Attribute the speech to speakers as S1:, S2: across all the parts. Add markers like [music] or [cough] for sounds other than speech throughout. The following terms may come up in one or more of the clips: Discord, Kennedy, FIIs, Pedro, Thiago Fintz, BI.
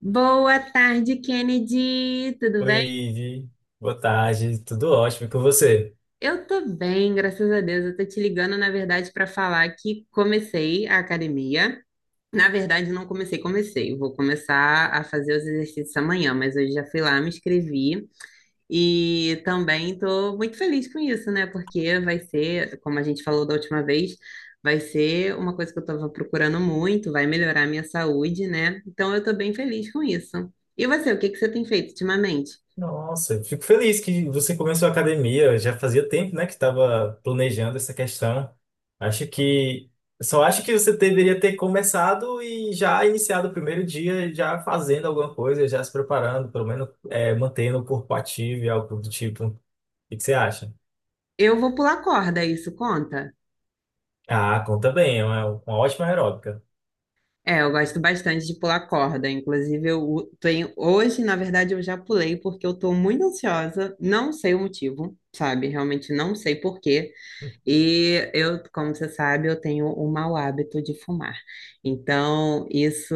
S1: Boa tarde, Kennedy. Tudo
S2: Oi,
S1: bem?
S2: Ivi. Boa tarde, tudo ótimo e com você?
S1: Eu tô bem, graças a Deus. Eu tô te ligando, na verdade, para falar que comecei a academia. Na verdade, não comecei, comecei. Eu vou começar a fazer os exercícios amanhã, mas hoje já fui lá, me inscrevi e também tô muito feliz com isso, né? Porque vai ser, como a gente falou da última vez, vai ser uma coisa que eu tava procurando muito, vai melhorar a minha saúde, né? Então eu tô bem feliz com isso. E você, o que que você tem feito ultimamente?
S2: Nossa, eu fico feliz que você começou a academia. Já fazia tempo, né, que estava planejando essa questão. Acho que só acho que você deveria ter começado e já iniciado o primeiro dia, já fazendo alguma coisa, já se preparando, pelo menos mantendo o corpo ativo e algo do tipo. O que que você acha?
S1: Eu vou pular corda, isso conta?
S2: Ah, conta bem, é uma ótima aeróbica.
S1: É, eu gosto bastante de pular corda. Inclusive, tenho. Hoje, na verdade, eu já pulei porque eu tô muito ansiosa. Não sei o motivo, sabe? Realmente não sei por quê. E eu, como você sabe, eu tenho o mau hábito de fumar. Então, isso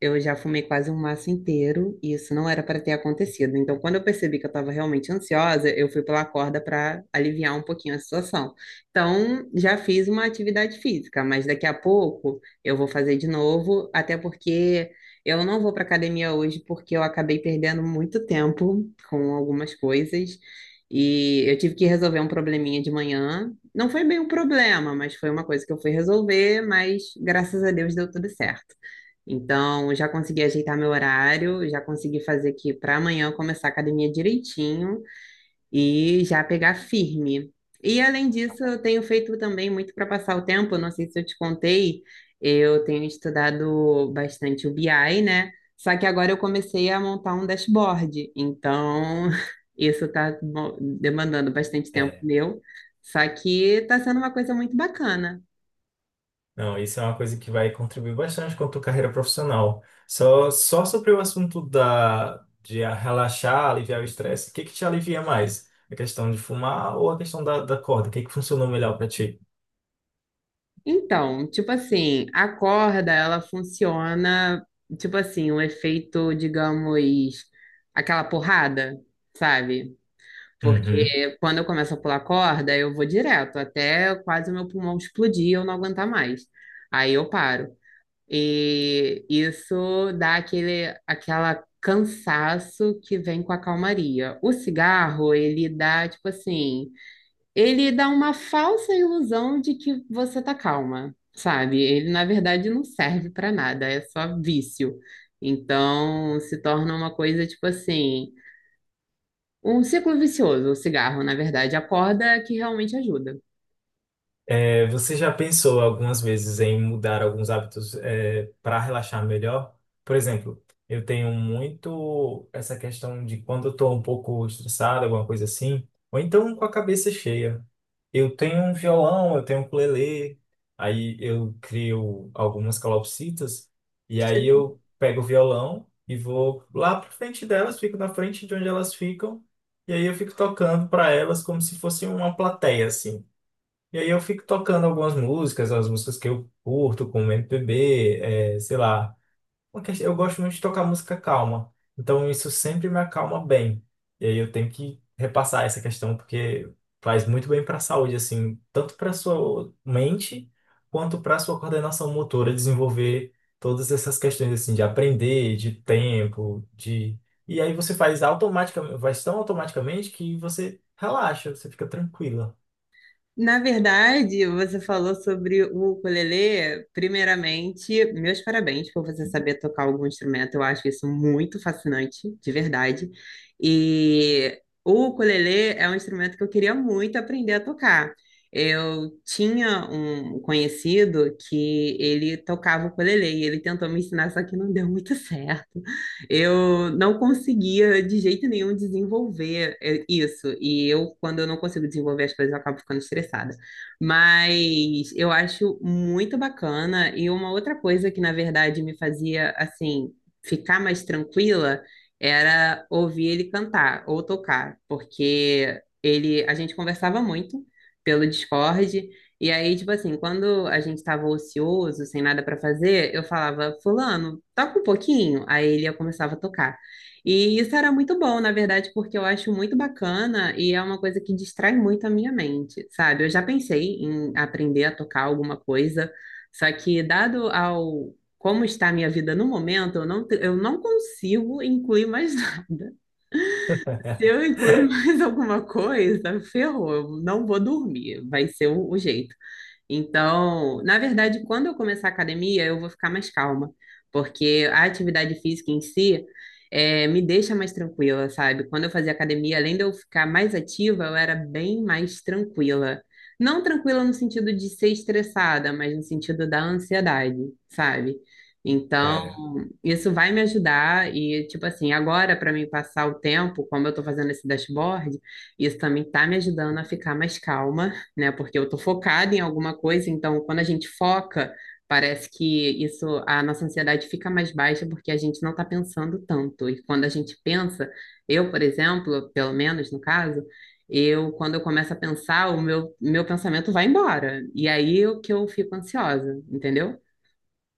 S1: eu já fumei quase um maço inteiro e isso não era para ter acontecido. Então, quando eu percebi que eu estava realmente ansiosa, eu fui pela corda para aliviar um pouquinho a situação. Então, já fiz uma atividade física, mas daqui a pouco. Eu vou fazer de novo, até porque eu não vou para academia hoje porque eu acabei perdendo muito tempo com algumas coisas e eu tive que resolver um probleminha de manhã. Não foi bem um problema, mas foi uma coisa que eu fui resolver, mas graças a Deus deu tudo certo. Então, já consegui ajeitar meu horário, já consegui fazer aqui para amanhã eu começar a academia direitinho e já pegar firme. E além disso, eu tenho feito também muito para passar o tempo. Eu não sei se eu te contei, eu tenho estudado bastante o BI, né? Só que agora eu comecei a montar um dashboard, então [laughs] isso está demandando bastante tempo
S2: É.
S1: meu, só que está sendo uma coisa muito bacana.
S2: Não, isso é uma coisa que vai contribuir bastante com a tua carreira profissional. Só sobre o assunto de relaxar, aliviar o estresse, o que que te alivia mais? A questão de fumar ou a questão da corda? O que que funcionou melhor para ti?
S1: Então, tipo assim, a corda, ela funciona, tipo assim, um efeito, digamos, aquela porrada, sabe?
S2: Uhum.
S1: Porque quando eu começo a pular corda, eu vou direto, até quase o meu pulmão explodir e eu não aguentar mais. Aí eu paro. E isso dá aquele, aquela cansaço que vem com a calmaria. O cigarro, ele dá, tipo assim, ele dá uma falsa ilusão de que você tá calma, sabe? Ele, na verdade, não serve pra nada, é só vício. Então, se torna uma coisa, tipo assim. Um ciclo vicioso, o cigarro, na verdade, a corda que realmente ajuda.
S2: É, você já pensou algumas vezes em mudar alguns hábitos, para relaxar melhor? Por exemplo, eu tenho muito essa questão de quando eu estou um pouco estressado, alguma coisa assim, ou então com a cabeça cheia. Eu tenho um violão, eu tenho um ukulele, aí eu crio algumas calopsitas, e aí eu pego o violão e vou lá para frente delas, fico na frente de onde elas ficam, e aí eu fico tocando para elas como se fosse uma plateia, assim. E aí eu fico tocando algumas músicas, as músicas que eu curto, como MPB, é, sei lá. Eu gosto muito de tocar música calma, então isso sempre me acalma bem. E aí eu tenho que repassar essa questão, porque faz muito bem para a saúde, assim, tanto para sua mente, quanto para sua coordenação motora, desenvolver todas essas questões, assim, de aprender, de tempo, de... E aí você faz automaticamente, faz tão automaticamente que você relaxa, você fica tranquila.
S1: Na verdade, você falou sobre o ukulele. Primeiramente, meus parabéns por você saber tocar algum instrumento. Eu acho isso muito fascinante, de verdade. E o ukulele é um instrumento que eu queria muito aprender a tocar. Eu tinha um conhecido que ele tocava ukulele e ele tentou me ensinar, só que não deu muito [laughs] certo. Eu não conseguia de jeito nenhum desenvolver isso. E eu, quando eu não consigo desenvolver as coisas, eu acabo ficando estressada. Mas eu acho muito bacana. E uma outra coisa que, na verdade, me fazia, assim, ficar mais tranquila era ouvir ele cantar ou tocar, porque ele, a gente conversava muito pelo Discord. E aí, tipo assim, quando a gente estava ocioso, sem nada para fazer, eu falava, Fulano, toca um pouquinho, aí ele eu começava a tocar. E isso era muito bom, na verdade, porque eu acho muito bacana e é uma coisa que distrai muito a minha mente, sabe? Eu já pensei em aprender a tocar alguma coisa, só que dado ao como está a minha vida no momento, eu não consigo incluir mais [laughs] nada. Se eu incluir mais alguma coisa, ferrou, eu não vou dormir, vai ser o jeito. Então, na verdade, quando eu começar a academia, eu vou ficar mais calma, porque a atividade física em si me deixa mais tranquila, sabe? Quando eu fazia academia, além de eu ficar mais ativa, eu era bem mais tranquila. Não tranquila no sentido de ser estressada, mas no sentido da ansiedade, sabe? Então
S2: É,
S1: isso vai me ajudar e, tipo assim, agora para mim passar o tempo, como eu tô fazendo esse dashboard, isso também tá me ajudando a ficar mais calma, né? Porque eu tô focada em alguma coisa, então quando a gente foca, parece que isso, a nossa ansiedade fica mais baixa porque a gente não tá pensando tanto. E quando a gente pensa, eu, por exemplo, pelo menos no caso, eu, quando eu começo a pensar, o meu pensamento vai embora. E aí é o que eu fico ansiosa, entendeu?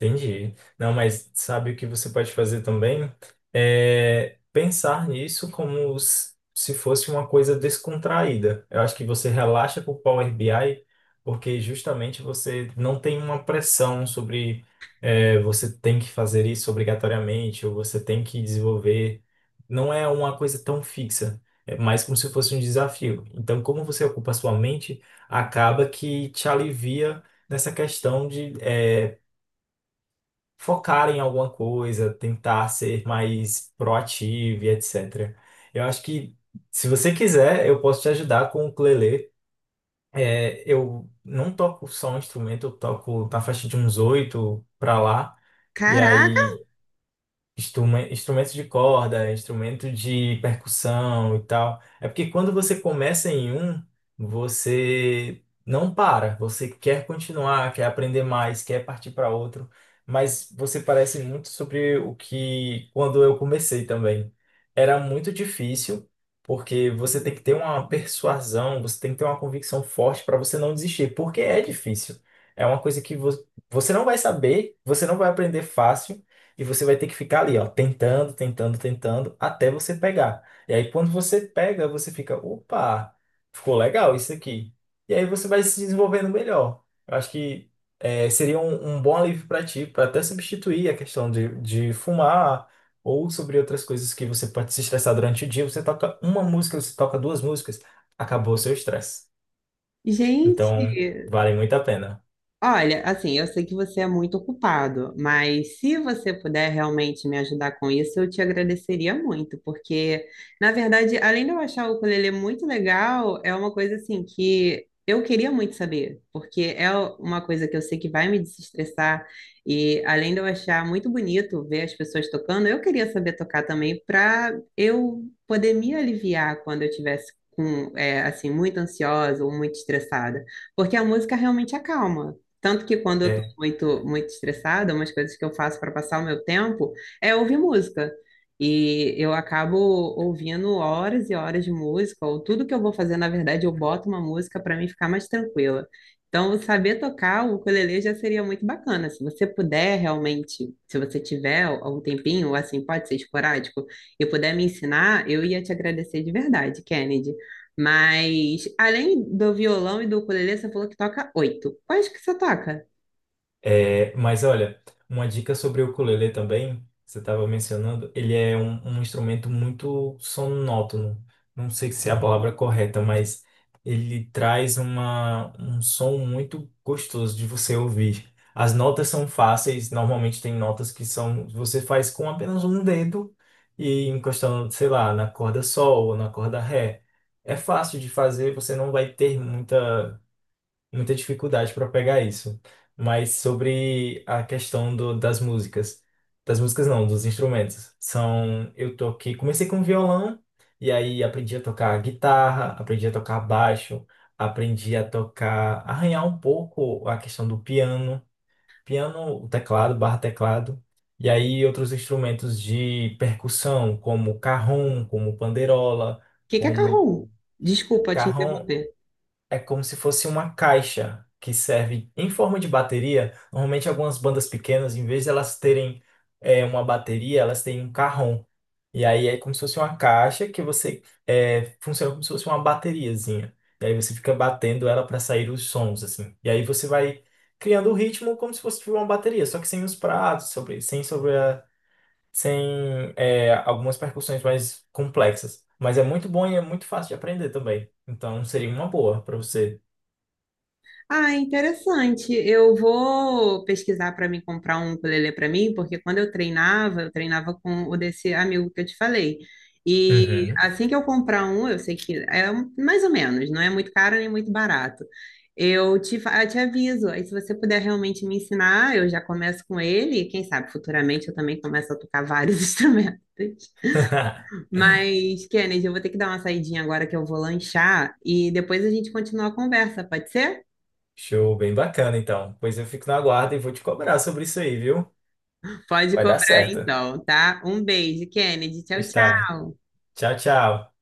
S2: entendi. Não, mas sabe o que você pode fazer também? É pensar nisso se fosse uma coisa descontraída. Eu acho que você relaxa com o Power BI porque justamente você não tem uma pressão sobre você tem que fazer isso obrigatoriamente ou você tem que desenvolver. Não é uma coisa tão fixa, é mais como se fosse um desafio. Então, como você ocupa a sua mente, acaba que te alivia nessa questão de focar em alguma coisa, tentar ser mais proativo e etc. Eu acho que, se você quiser, eu posso te ajudar com o ukulele. É, eu não toco só um instrumento, eu toco na faixa de uns oito para lá. E
S1: Caraca!
S2: aí instrumentos de corda, instrumento de percussão e tal. É porque quando você começa em um, você não para, você quer continuar, quer aprender mais, quer partir para outro, mas você parece muito sobre o que quando eu comecei também. Era muito difícil, porque você tem que ter uma persuasão, você tem que ter uma convicção forte para você não desistir, porque é difícil. É uma coisa que você não vai saber, você não vai aprender fácil. E você vai ter que ficar ali, ó, tentando, tentando, tentando, até você pegar. E aí, quando você pega, você fica, opa, ficou legal isso aqui. E aí você vai se desenvolvendo melhor. Eu acho que seria um bom alívio para ti, para até substituir a questão de fumar ou sobre outras coisas que você pode se estressar durante o dia. Você toca uma música, você toca duas músicas, acabou o seu estresse. Então,
S1: Gente,
S2: vale muito a pena.
S1: olha, assim, eu sei que você é muito ocupado, mas se você puder realmente me ajudar com isso, eu te agradeceria muito, porque, na verdade, além de eu achar o ukulele muito legal, é uma coisa assim que eu queria muito saber, porque é uma coisa que eu sei que vai me desestressar, e além de eu achar muito bonito ver as pessoas tocando, eu queria saber tocar também para eu poder me aliviar quando eu tivesse com, é, assim, muito ansiosa ou muito estressada. Porque a música realmente acalma. Tanto que quando eu tô
S2: É.
S1: muito, muito estressada, umas coisas que eu faço para passar o meu tempo é ouvir música. E eu acabo ouvindo horas e horas de música, ou tudo que eu vou fazer, na verdade, eu boto uma música para mim ficar mais tranquila. Então, saber tocar o ukulele já seria muito bacana. Se você puder realmente, se você tiver algum tempinho, assim, pode ser esporádico, e puder me ensinar, eu ia te agradecer de verdade, Kennedy. Mas, além do violão e do ukulele, você falou que toca 8. Quais que você toca?
S2: É, mas olha, uma dica sobre o ukulele também, você estava mencionando, ele é um instrumento muito sonótono. Não sei se é a palavra correta, mas ele traz um som muito gostoso de você ouvir. As notas são fáceis, normalmente tem notas que são, você faz com apenas um dedo e encostando, sei lá, na corda sol ou na corda ré. É fácil de fazer, você não vai ter muita dificuldade para pegar isso. Mas sobre a questão do, das músicas não, dos instrumentos. São, eu toquei, comecei com violão e aí aprendi a tocar guitarra, aprendi a tocar baixo, aprendi a tocar, arranhar um pouco a questão do piano, piano, o teclado, barra teclado. E aí outros instrumentos de percussão, como carrom, como panderola,
S1: O que que é carrom?
S2: como
S1: Desculpa te
S2: carrom,
S1: interromper.
S2: é como se fosse uma caixa que serve em forma de bateria. Normalmente, algumas bandas pequenas, em vez de elas terem uma bateria, elas têm um carrom. E aí é como se fosse uma caixa que você funciona como se fosse uma bateriazinha. E aí você fica batendo ela para sair os sons, assim. E aí você vai criando o ritmo como se fosse tipo uma bateria, só que sem os pratos, sobre, sem sobre a- sem é, algumas percussões mais complexas. Mas é muito bom e é muito fácil de aprender também. Então seria uma boa para você.
S1: Ah, interessante. Eu vou pesquisar para me comprar um ukulele para mim, porque quando eu treinava com o desse amigo que eu te falei. E
S2: Uhum.
S1: assim que eu comprar um, eu sei que mais ou menos, não é muito caro nem muito barato. Eu te aviso. Aí, se você puder realmente me ensinar, eu já começo com ele. E quem sabe futuramente eu também começo a tocar vários [laughs] instrumentos.
S2: [laughs]
S1: Mas, Kennedy, eu vou ter que dar uma saidinha agora que eu vou lanchar e depois a gente continua a conversa, pode ser?
S2: Show, bem bacana então. Pois eu fico na guarda e vou te cobrar sobre isso aí, viu?
S1: Pode
S2: Vai dar
S1: cobrar
S2: certo.
S1: então, tá? Um beijo, Kennedy. Tchau,
S2: Está.
S1: tchau.
S2: Tchau, tchau.